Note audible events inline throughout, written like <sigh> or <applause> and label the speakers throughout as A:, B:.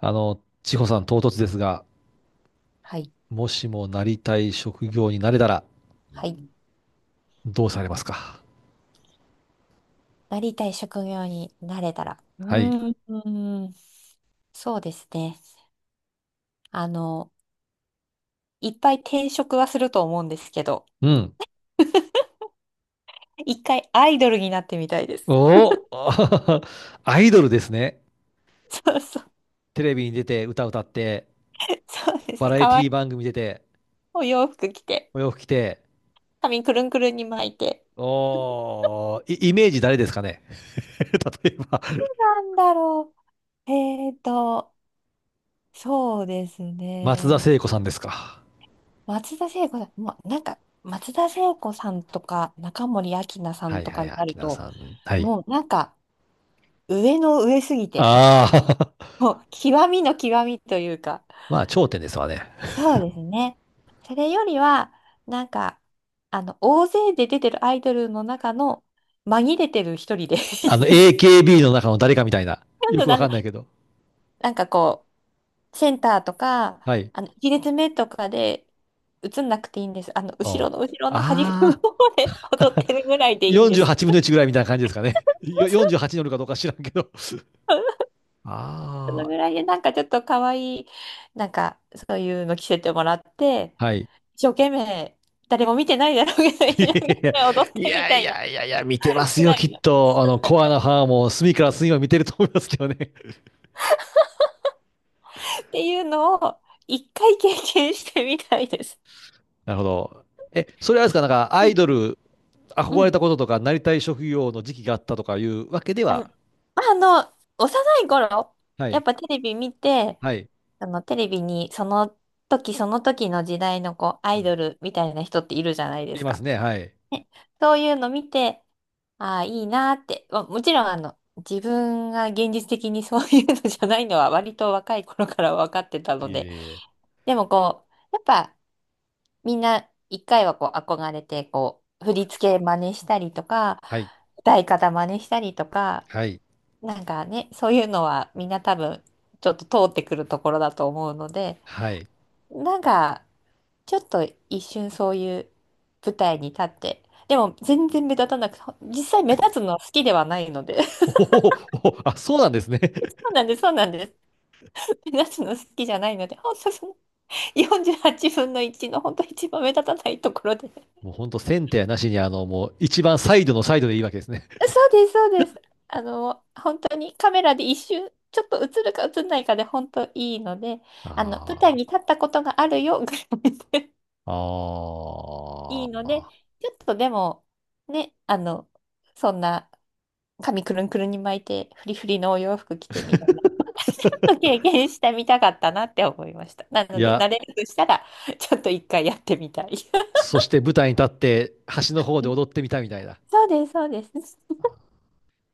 A: 千穂さん、唐突ですが、
B: はい。
A: もしもなりたい職業になれたら、
B: はい。
A: どうされますか？
B: なりたい職業になれたら。う
A: はい。
B: ーん。うーん、そうですね。あの、いっぱい転職はすると思うんですけど、
A: うん。
B: 一回アイドルになってみたいです。
A: おお。 <laughs> アイドルですね。
B: <laughs> そうそう。
A: テレビに出て、歌歌って、
B: そうです
A: バ
B: ね。
A: ラエ
B: か
A: テ
B: わい
A: ィ
B: い
A: 番組出て、
B: お洋服着て、
A: お洋服着て、
B: 髪くるんくるんに巻いて。
A: おー、イイメージ誰ですかね？ <laughs> 例えば、
B: なんだろう。そうです
A: 松田
B: ね。
A: 聖子さんですか。
B: 松田聖子さん、もうなんか、松田聖子さんとか、中森明菜さ
A: は
B: ん
A: い
B: と
A: はい
B: か
A: はい、
B: になる
A: 秋名
B: と、
A: さん。はい。
B: もうなんか、上の上すぎて、
A: ああ。 <laughs>
B: もう極みの極みというか、
A: まあ、頂点ですわね。
B: そうですね。それよりは、なんか、大勢で出てるアイドルの中の紛れてる一人で <laughs> いいです。
A: AKB の中の誰かみたいな。よ
B: なん
A: く
B: か
A: わ
B: あ
A: か
B: の
A: んないけど。
B: なんかこセンターとか、
A: はい。
B: あの、1列目とかで映んなくていいんです。あの、後
A: あ
B: ろの後ろの端っこの
A: あ
B: 方で踊ってるぐらいで
A: ー、
B: いいんで
A: 48
B: す。
A: 分の1ぐらいみたいな感じですかね。よ48に乗るかどうか知らんけど。
B: その
A: あ
B: ぐらいで、ちょっと可愛い、そういうの着せてもらって、
A: あ、<laughs> はい。
B: 一生懸命、誰も見てないだろうけど、
A: <laughs>
B: 一生懸命踊っ
A: い
B: てみ
A: や
B: た
A: い
B: いな、
A: やいやいや、見てます
B: ぐ
A: よ、
B: ら
A: き
B: い
A: っ
B: の。っ
A: と。コアなファンも隅から隅を見てると思いますけどね。
B: ていうのを、一回経験してみたいです。
A: <laughs> なるほど。え、それはあれですか、なんか、
B: う
A: アイ
B: ん。
A: ドル、
B: う
A: 憧れ
B: ん、
A: たこととか、なりたい職業の時期があったとかいうわけで
B: あの、
A: は、
B: まあ、あ幼い頃、
A: は
B: やっ
A: い、
B: ぱテレビ見て、
A: はい、
B: あの、テレビにその時その時の時代のこう、ア
A: う
B: イ
A: ん、
B: ドルみたいな人っているじゃないで
A: い
B: す
A: ま
B: か。
A: すね、はい。
B: ね、そういうの見て、ああ、いいなーって。まあ、もちろん、あの、自分が現実的に <laughs> そういうのじゃないのは割と若い頃から分かってたの
A: いえい
B: で。
A: え、
B: でもこう、やっぱみんな一回はこう憧れて、こう、振
A: こ
B: り
A: れ
B: 付け真似したりとか、
A: はい、
B: 歌い方真似したりとか、
A: はい、
B: なんかね、そういうのはみんな多分ちょっと通ってくるところだと思うので、
A: はい。
B: なんかちょっと一瞬そういう舞台に立って、でも全然目立たなくて、実際目立つのは好きではないので。<laughs> そ
A: おお、おおあ、そうなんですね。
B: うなんです、そうなんです。目立つの好きじゃないので、ほんその48分の1の本当一番目立たないところで。
A: もう
B: <laughs>
A: ほんとセンターなしに、もう一番サイドのサイドでいいわけですね。<laughs>
B: そうです、そうです。あの、本当にカメラで一瞬、ちょっと映るか映んないかで本当いいので、あの、舞台
A: あ
B: に立ったことがあるよぐらいで
A: あ、
B: <laughs> いいので、
A: ああ。
B: ちょっとでも、ね、あの、そんな髪くるんくるんに巻いて、フリフリのお洋服着てみたいな、<laughs> ちょっと経験してみたかったなって思いました。な
A: い
B: ので、慣
A: や、
B: れるとしたら、ちょっと一回やってみたい。
A: そして舞台に立って橋の方で
B: <laughs>
A: 踊ってみたみたいな。
B: そうです、そうです。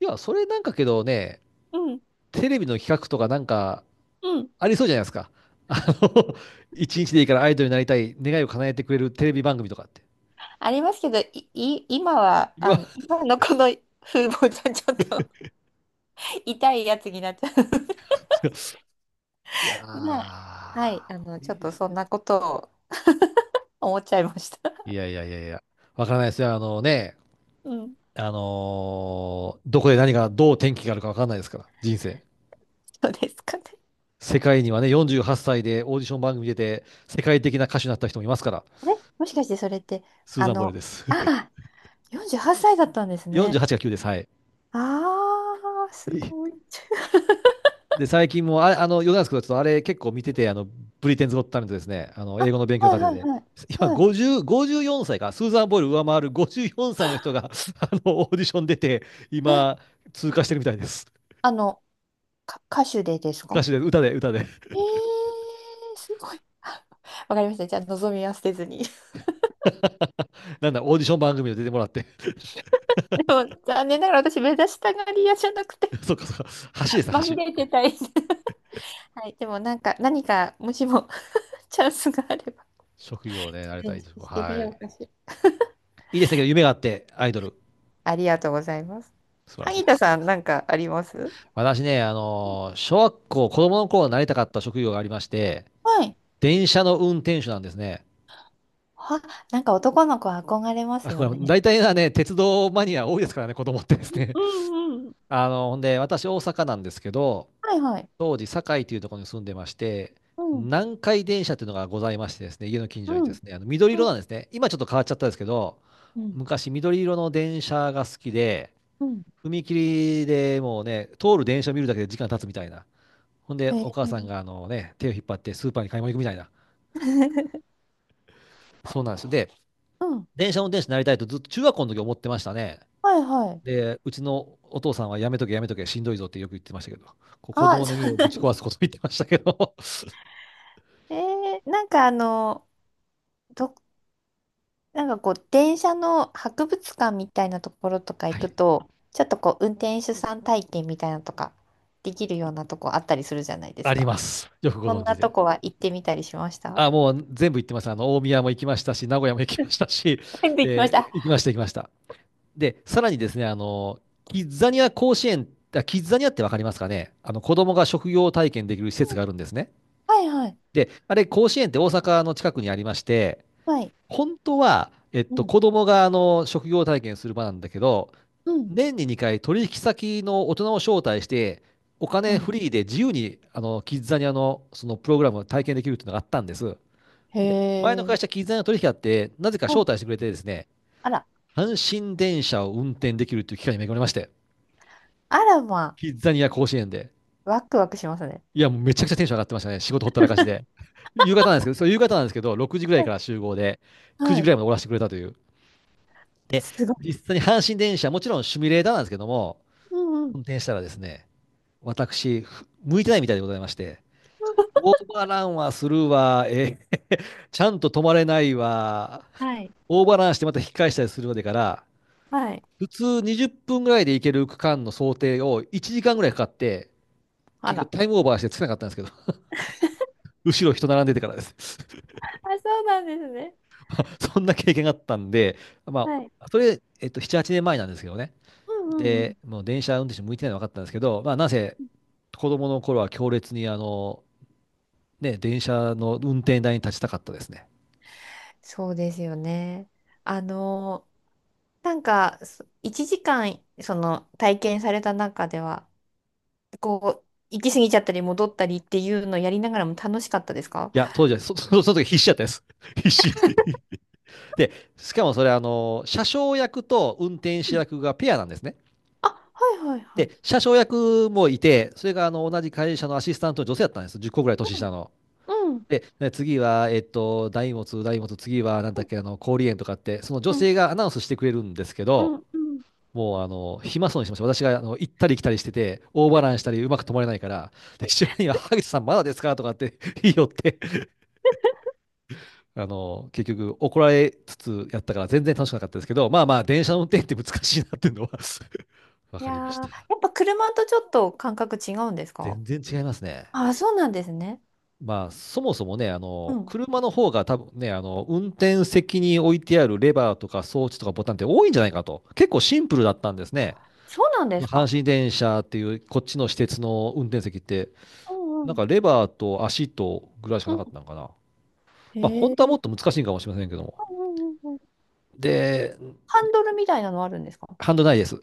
A: いや、それなんかけどね、
B: うん、
A: テレビの企画とかなんか
B: うん。
A: ありそうじゃないですか。あの、<laughs> 一日でいいからアイドルになりたい願いを叶えてくれるテレビ番組とかって。
B: ありますけど、今は、
A: い
B: あ
A: や、
B: の、今のこの風貌じゃちょっと痛いやつになっちゃ
A: <laughs> いや
B: う。<laughs> まあ、はい、あの、
A: ー
B: ち
A: い
B: ょ
A: い
B: っ
A: で
B: と
A: すね。
B: そんなことを <laughs> 思っちゃいました。
A: いやいやいやいや、わからないですよ。あのね、
B: うん、
A: どこで何が、どう転機があるか分かんないですから、人生。
B: そうですかね。
A: 世界にはね、48歳でオーディション番組出て、世界的な歌手になった人もいますから、
B: あれもしかしてそれって、
A: スー
B: あ
A: ザン・ボイルで
B: の、
A: す。<laughs>
B: ああ、48歳だったんですね。
A: 48が9です、はい。
B: ああ、すごい。<laughs>
A: で、最近も、あれ、余談ですけど、ちょっとあれ結構見てて、ブリテンズ・ゴット・タレントですね、
B: あ、
A: 英語の勉強
B: は
A: 家
B: い
A: 庭
B: はい
A: で、
B: はい。
A: 今
B: はい。
A: 50、54歳か、スーザン・ボイル上回る54歳の人が、<laughs> オーディション出て、
B: え、
A: 今、通過してるみたいです。
B: あの、歌手でですか？
A: 歌手で、歌で、歌で。
B: えー、すごい。<laughs> あ、わかりました。じゃあ、望みは捨てずに。
A: なんだ、オーディション番組で出てもらって。
B: <laughs> でも、残念ながら私、目指したがり屋じゃなくて、
A: <laughs> そっかそっか。橋です
B: まみ
A: ね、
B: れ
A: 橋。
B: てたい。<laughs> はい。でも、もしも、チャンスがあれば、
A: 職
B: チ
A: 業ね、なれ
B: ャレ
A: た
B: ン
A: い
B: ジ
A: 職。
B: してみ
A: は
B: よ
A: い。
B: うかしら。
A: いいですねけど、夢があって、アイドル。
B: ありがとうございます。
A: 素晴らしい
B: 萩
A: で
B: 田
A: す。
B: さん、なんかあります？
A: 私ね、小学校、子供の頃なりたかった職業がありまして、
B: はい。
A: 電車の運転手なんですね。
B: は、なんか男の子は憧れま
A: あ、
B: す
A: こ
B: よ
A: れ、
B: ね。
A: 大体はね、鉄道マニア多いですからね、子供ってですね。
B: うんうん、
A: <laughs> ほんで、私、大阪なんですけど、
B: はいはい。
A: 当時、堺というところに住んでまして、
B: うん。
A: 南海電車というのがございましてですね、家の近所に
B: う
A: で
B: ん
A: すね、あの緑色
B: うん
A: なんですね。今ちょっと変わっちゃったんですけど、
B: うん
A: 昔、緑色の電車が好きで、
B: うん、
A: 踏切でもうね、通る電車見るだけで時間経つみたいな。ほんで、
B: へえ。
A: お母さんがあのね、手を引っ張ってスーパーに買い物行くみたいな。
B: <laughs>
A: そうなんですよ。で、
B: うん、
A: 電車運転手になりたいとずっと中学校の時思ってましたね。
B: はいはい。
A: で、うちのお父さんはやめとけやめとけしんどいぞってよく言ってましたけど、こう子
B: あ、
A: 供の
B: そ
A: 夢
B: う
A: を
B: な
A: ぶ
B: ん
A: ち
B: で
A: 壊
B: す。
A: すこと言ってましたけど、<laughs>
B: <laughs> えー、なんかあの、ど、なんかこう、電車の博物館みたいなところとか行
A: はい、
B: くと、ちょっとこう、運転手さん体験みたいなのとか、できるようなとこあったりするじゃないで
A: あ
B: す
A: り
B: か。
A: ます。よくご
B: そん
A: 存
B: な
A: 知
B: と
A: で。
B: こは行ってみたりしました？
A: あ、もう全部行ってます。大宮も行きましたし、名古屋も行きましたし、
B: うんで <laughs> きまし
A: で、
B: た。
A: 行きました行きました。で、さらにですね、キッザニア甲子園、キッザニアってわかりますかね、あの、子供が職業体験できる施設があるんですね。
B: はいはい。
A: で、あれ、甲子園って大阪の近くにありまして、
B: はい。
A: 本当は、
B: うん
A: 子供があの、職業体験する場なんだけど、
B: うん
A: 年に2回取引先の大人を招待して、お
B: う
A: 金
B: ん、
A: フリーで自由に、キッザニアのそのプログラムを体験できるっていうのがあったんです。
B: へ
A: で、前の会
B: え。
A: 社、キッザニアの取引あって、なぜか
B: お、
A: 招待してくれてですね、
B: あら、
A: 阪神電車を運転できるっていう機会に恵まれまして、
B: あらま、
A: キッザニア甲子園で。
B: ワクワクしますね。
A: いや、もうめちゃくちゃテンション上がってましたね。仕事ほったらかしで。<laughs> 夕方なんですけど、そう夕方なんですけど、6時ぐらい
B: う
A: か
B: ん、
A: ら集合で、9
B: は
A: 時ぐ
B: い。
A: らいまで終わらせてくれたという。で、
B: すごい。
A: 実際に阪神電車、もちろんシミュレーターなんですけども、
B: うんうん。
A: 運転したらですね、私、向いてないみたいでございまして、オーバーランはするわ、え、ちゃんと止まれないわ、
B: はい。
A: オーバーランしてまた引き返したりするまでから、
B: はい。
A: 普通20分ぐらいで行ける区間の想定を1時間ぐらいかかって、
B: あ
A: 結局
B: ら。
A: タイムオーバーしてつけなかったんですけど、後ろ人並んでてからです。
B: あ、そうなんですね。
A: <laughs> そんな経験があったんで、ま
B: はい。
A: あ、それ、7、8年前なんですけどね。
B: うんうんうん。
A: で、もう電車運転手向いてないの分かったんですけど、まあ、なぜ子供の頃は強烈に、ね、電車の運転台に立ちたかったですね。
B: そうですよね。あの、一時間、その、体験された中では、こう、行き過ぎちゃったり戻ったりっていうのをやりながらも楽しかったですか？
A: いや、当時は、そ、<laughs> そその時必死だったです。<laughs> 必死。<laughs> で、しかもそれ、車掌役と運転
B: う
A: 手
B: ん、
A: 役がペアなんですね。
B: あ、はいはいはい。
A: で、車掌役もいて、それが、同じ会社のアシスタントの女性だったんです。10個ぐらい年
B: う
A: 下
B: ん
A: の。
B: うん。
A: で、ね次は、大物、大物、次は、なん
B: う
A: だっ
B: ん
A: け、氷園とかって、その女
B: うん
A: 性がアナウンスしてくれるんですけ
B: うん
A: ど、
B: うん、
A: もう、暇そうにしてました。私が、行ったり来たりしてて、オーバーランしたり、うまく止まれないから、で、一緒には、萩田さんまだですかとかって <laughs> 言いよって、結局、怒られつつやったから、全然楽しくなかったですけど、まあまあ、電車の運転って難しいなっていうのは <laughs> わ
B: い
A: か
B: やー、
A: りまし
B: や
A: た。
B: っぱ車とちょっと感覚違うんですか？
A: 全然違いますね。
B: あ、そうなんですね。
A: まあ、そもそもね、
B: うん、
A: 車の方が多分ね、運転席に置いてあるレバーとか装置とかボタンって多いんじゃないかと。結構シンプルだったんですね。
B: そうなんで
A: その
B: すか。
A: 阪神電車っていう、こっちの私鉄の運転席って、
B: うん
A: な
B: う
A: ん
B: ん。
A: かレバーと足とぐらいしかなかっ
B: う
A: たのかな。
B: ん。
A: まあ、
B: へ
A: 本
B: え。
A: 当はもっと
B: う
A: 難しいかもしれませんけども。
B: んうんうんうん。
A: で、
B: ハンドルみたいなのあるんですか？
A: ハンドルないです。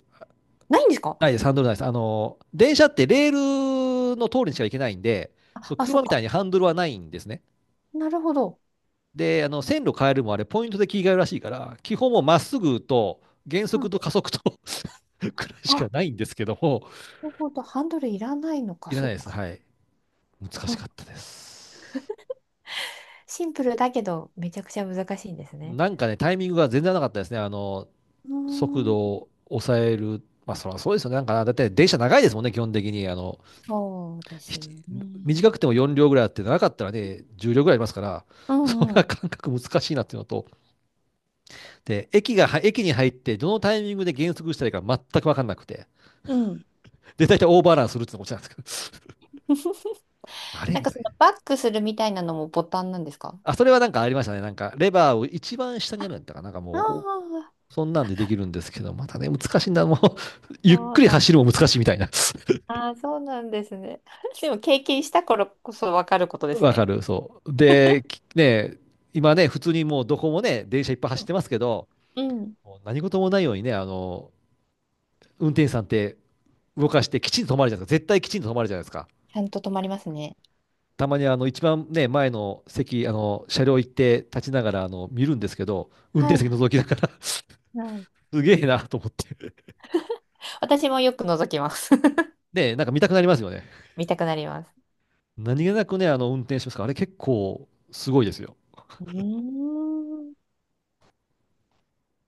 B: ないんですか？
A: ないです、ハンドルないです。電車ってレールの通りにしか行けないんで、
B: あ、
A: そう、
B: あ、そ
A: 車
B: っ
A: みたい
B: か。
A: にハンドルはないんですね。
B: なるほど。
A: で、線路変えるもあれ、ポイントで切り替えるらしいから、基本もまっすぐと、減
B: う
A: 速
B: ん、
A: と加速と <laughs> くらい
B: あ、
A: しか
B: な
A: ないんですけども、
B: るほど。ハンドルいらないのか、
A: いらな
B: そっ
A: いです。
B: か。
A: はい。難
B: う
A: し
B: ん、
A: かったです。
B: シンプルだけど、めちゃくちゃ難しいんですね。
A: なんかね、タイミングが全然なかったですね。
B: うー
A: 速
B: ん、
A: 度を抑える。まあ、そらそうですよね。なんかな、だって電車長いですもんね、基本的に。
B: そうです
A: ひ
B: よね。
A: 短くても4両ぐらいあって、長かったらね、10両ぐらいありますから、
B: う
A: <laughs> そん
B: んう
A: な
B: ん。
A: 感覚難しいなっていうのと、で、駅が、駅に入って、どのタイミングで減速したらいいか全く分かんなくて。
B: うん。
A: で、大体オーバーランするってのも落ちなんですけど、
B: <laughs>
A: <laughs> あれ
B: なん
A: み
B: か
A: た
B: そ
A: い
B: の
A: な。
B: バックするみたいなのもボタンなんですか？
A: あ、それはなんかありましたね。なんか、レバーを一番下にあるんだったかな。なんか
B: あ、
A: もう、お
B: あ、
A: そんなんでできるんですけど、またね、難しいんだ。もう、<laughs> ゆっ
B: そ
A: く
B: う
A: り
B: なん、
A: 走るも難しいみたいな。
B: あー、そうなんですね。<laughs> でも経験した頃こそわかること
A: <laughs>
B: です
A: わか
B: ね。
A: る、そう。で、ね、今ね、普通にもうどこもね、電車いっぱい走ってますけど、
B: うん。
A: もう何事もないようにね、運転手さんって動かしてきちんと止まるじゃないですか。絶対きちんと止まるじゃないですか。
B: ちゃんと止まりますね。
A: たまにあの一番ね、前の席、車両行って立ちながら、見るんですけど、運
B: は
A: 転
B: い
A: 席
B: は
A: 覗きながら
B: いはい。
A: すげえなと思って。
B: 私もよく覗きます。<laughs>
A: で、なんか見たくなりますよね。
B: 見たくなります。
A: 何気なくね、運転しますから、あれ結構すごいですよ。
B: うーん。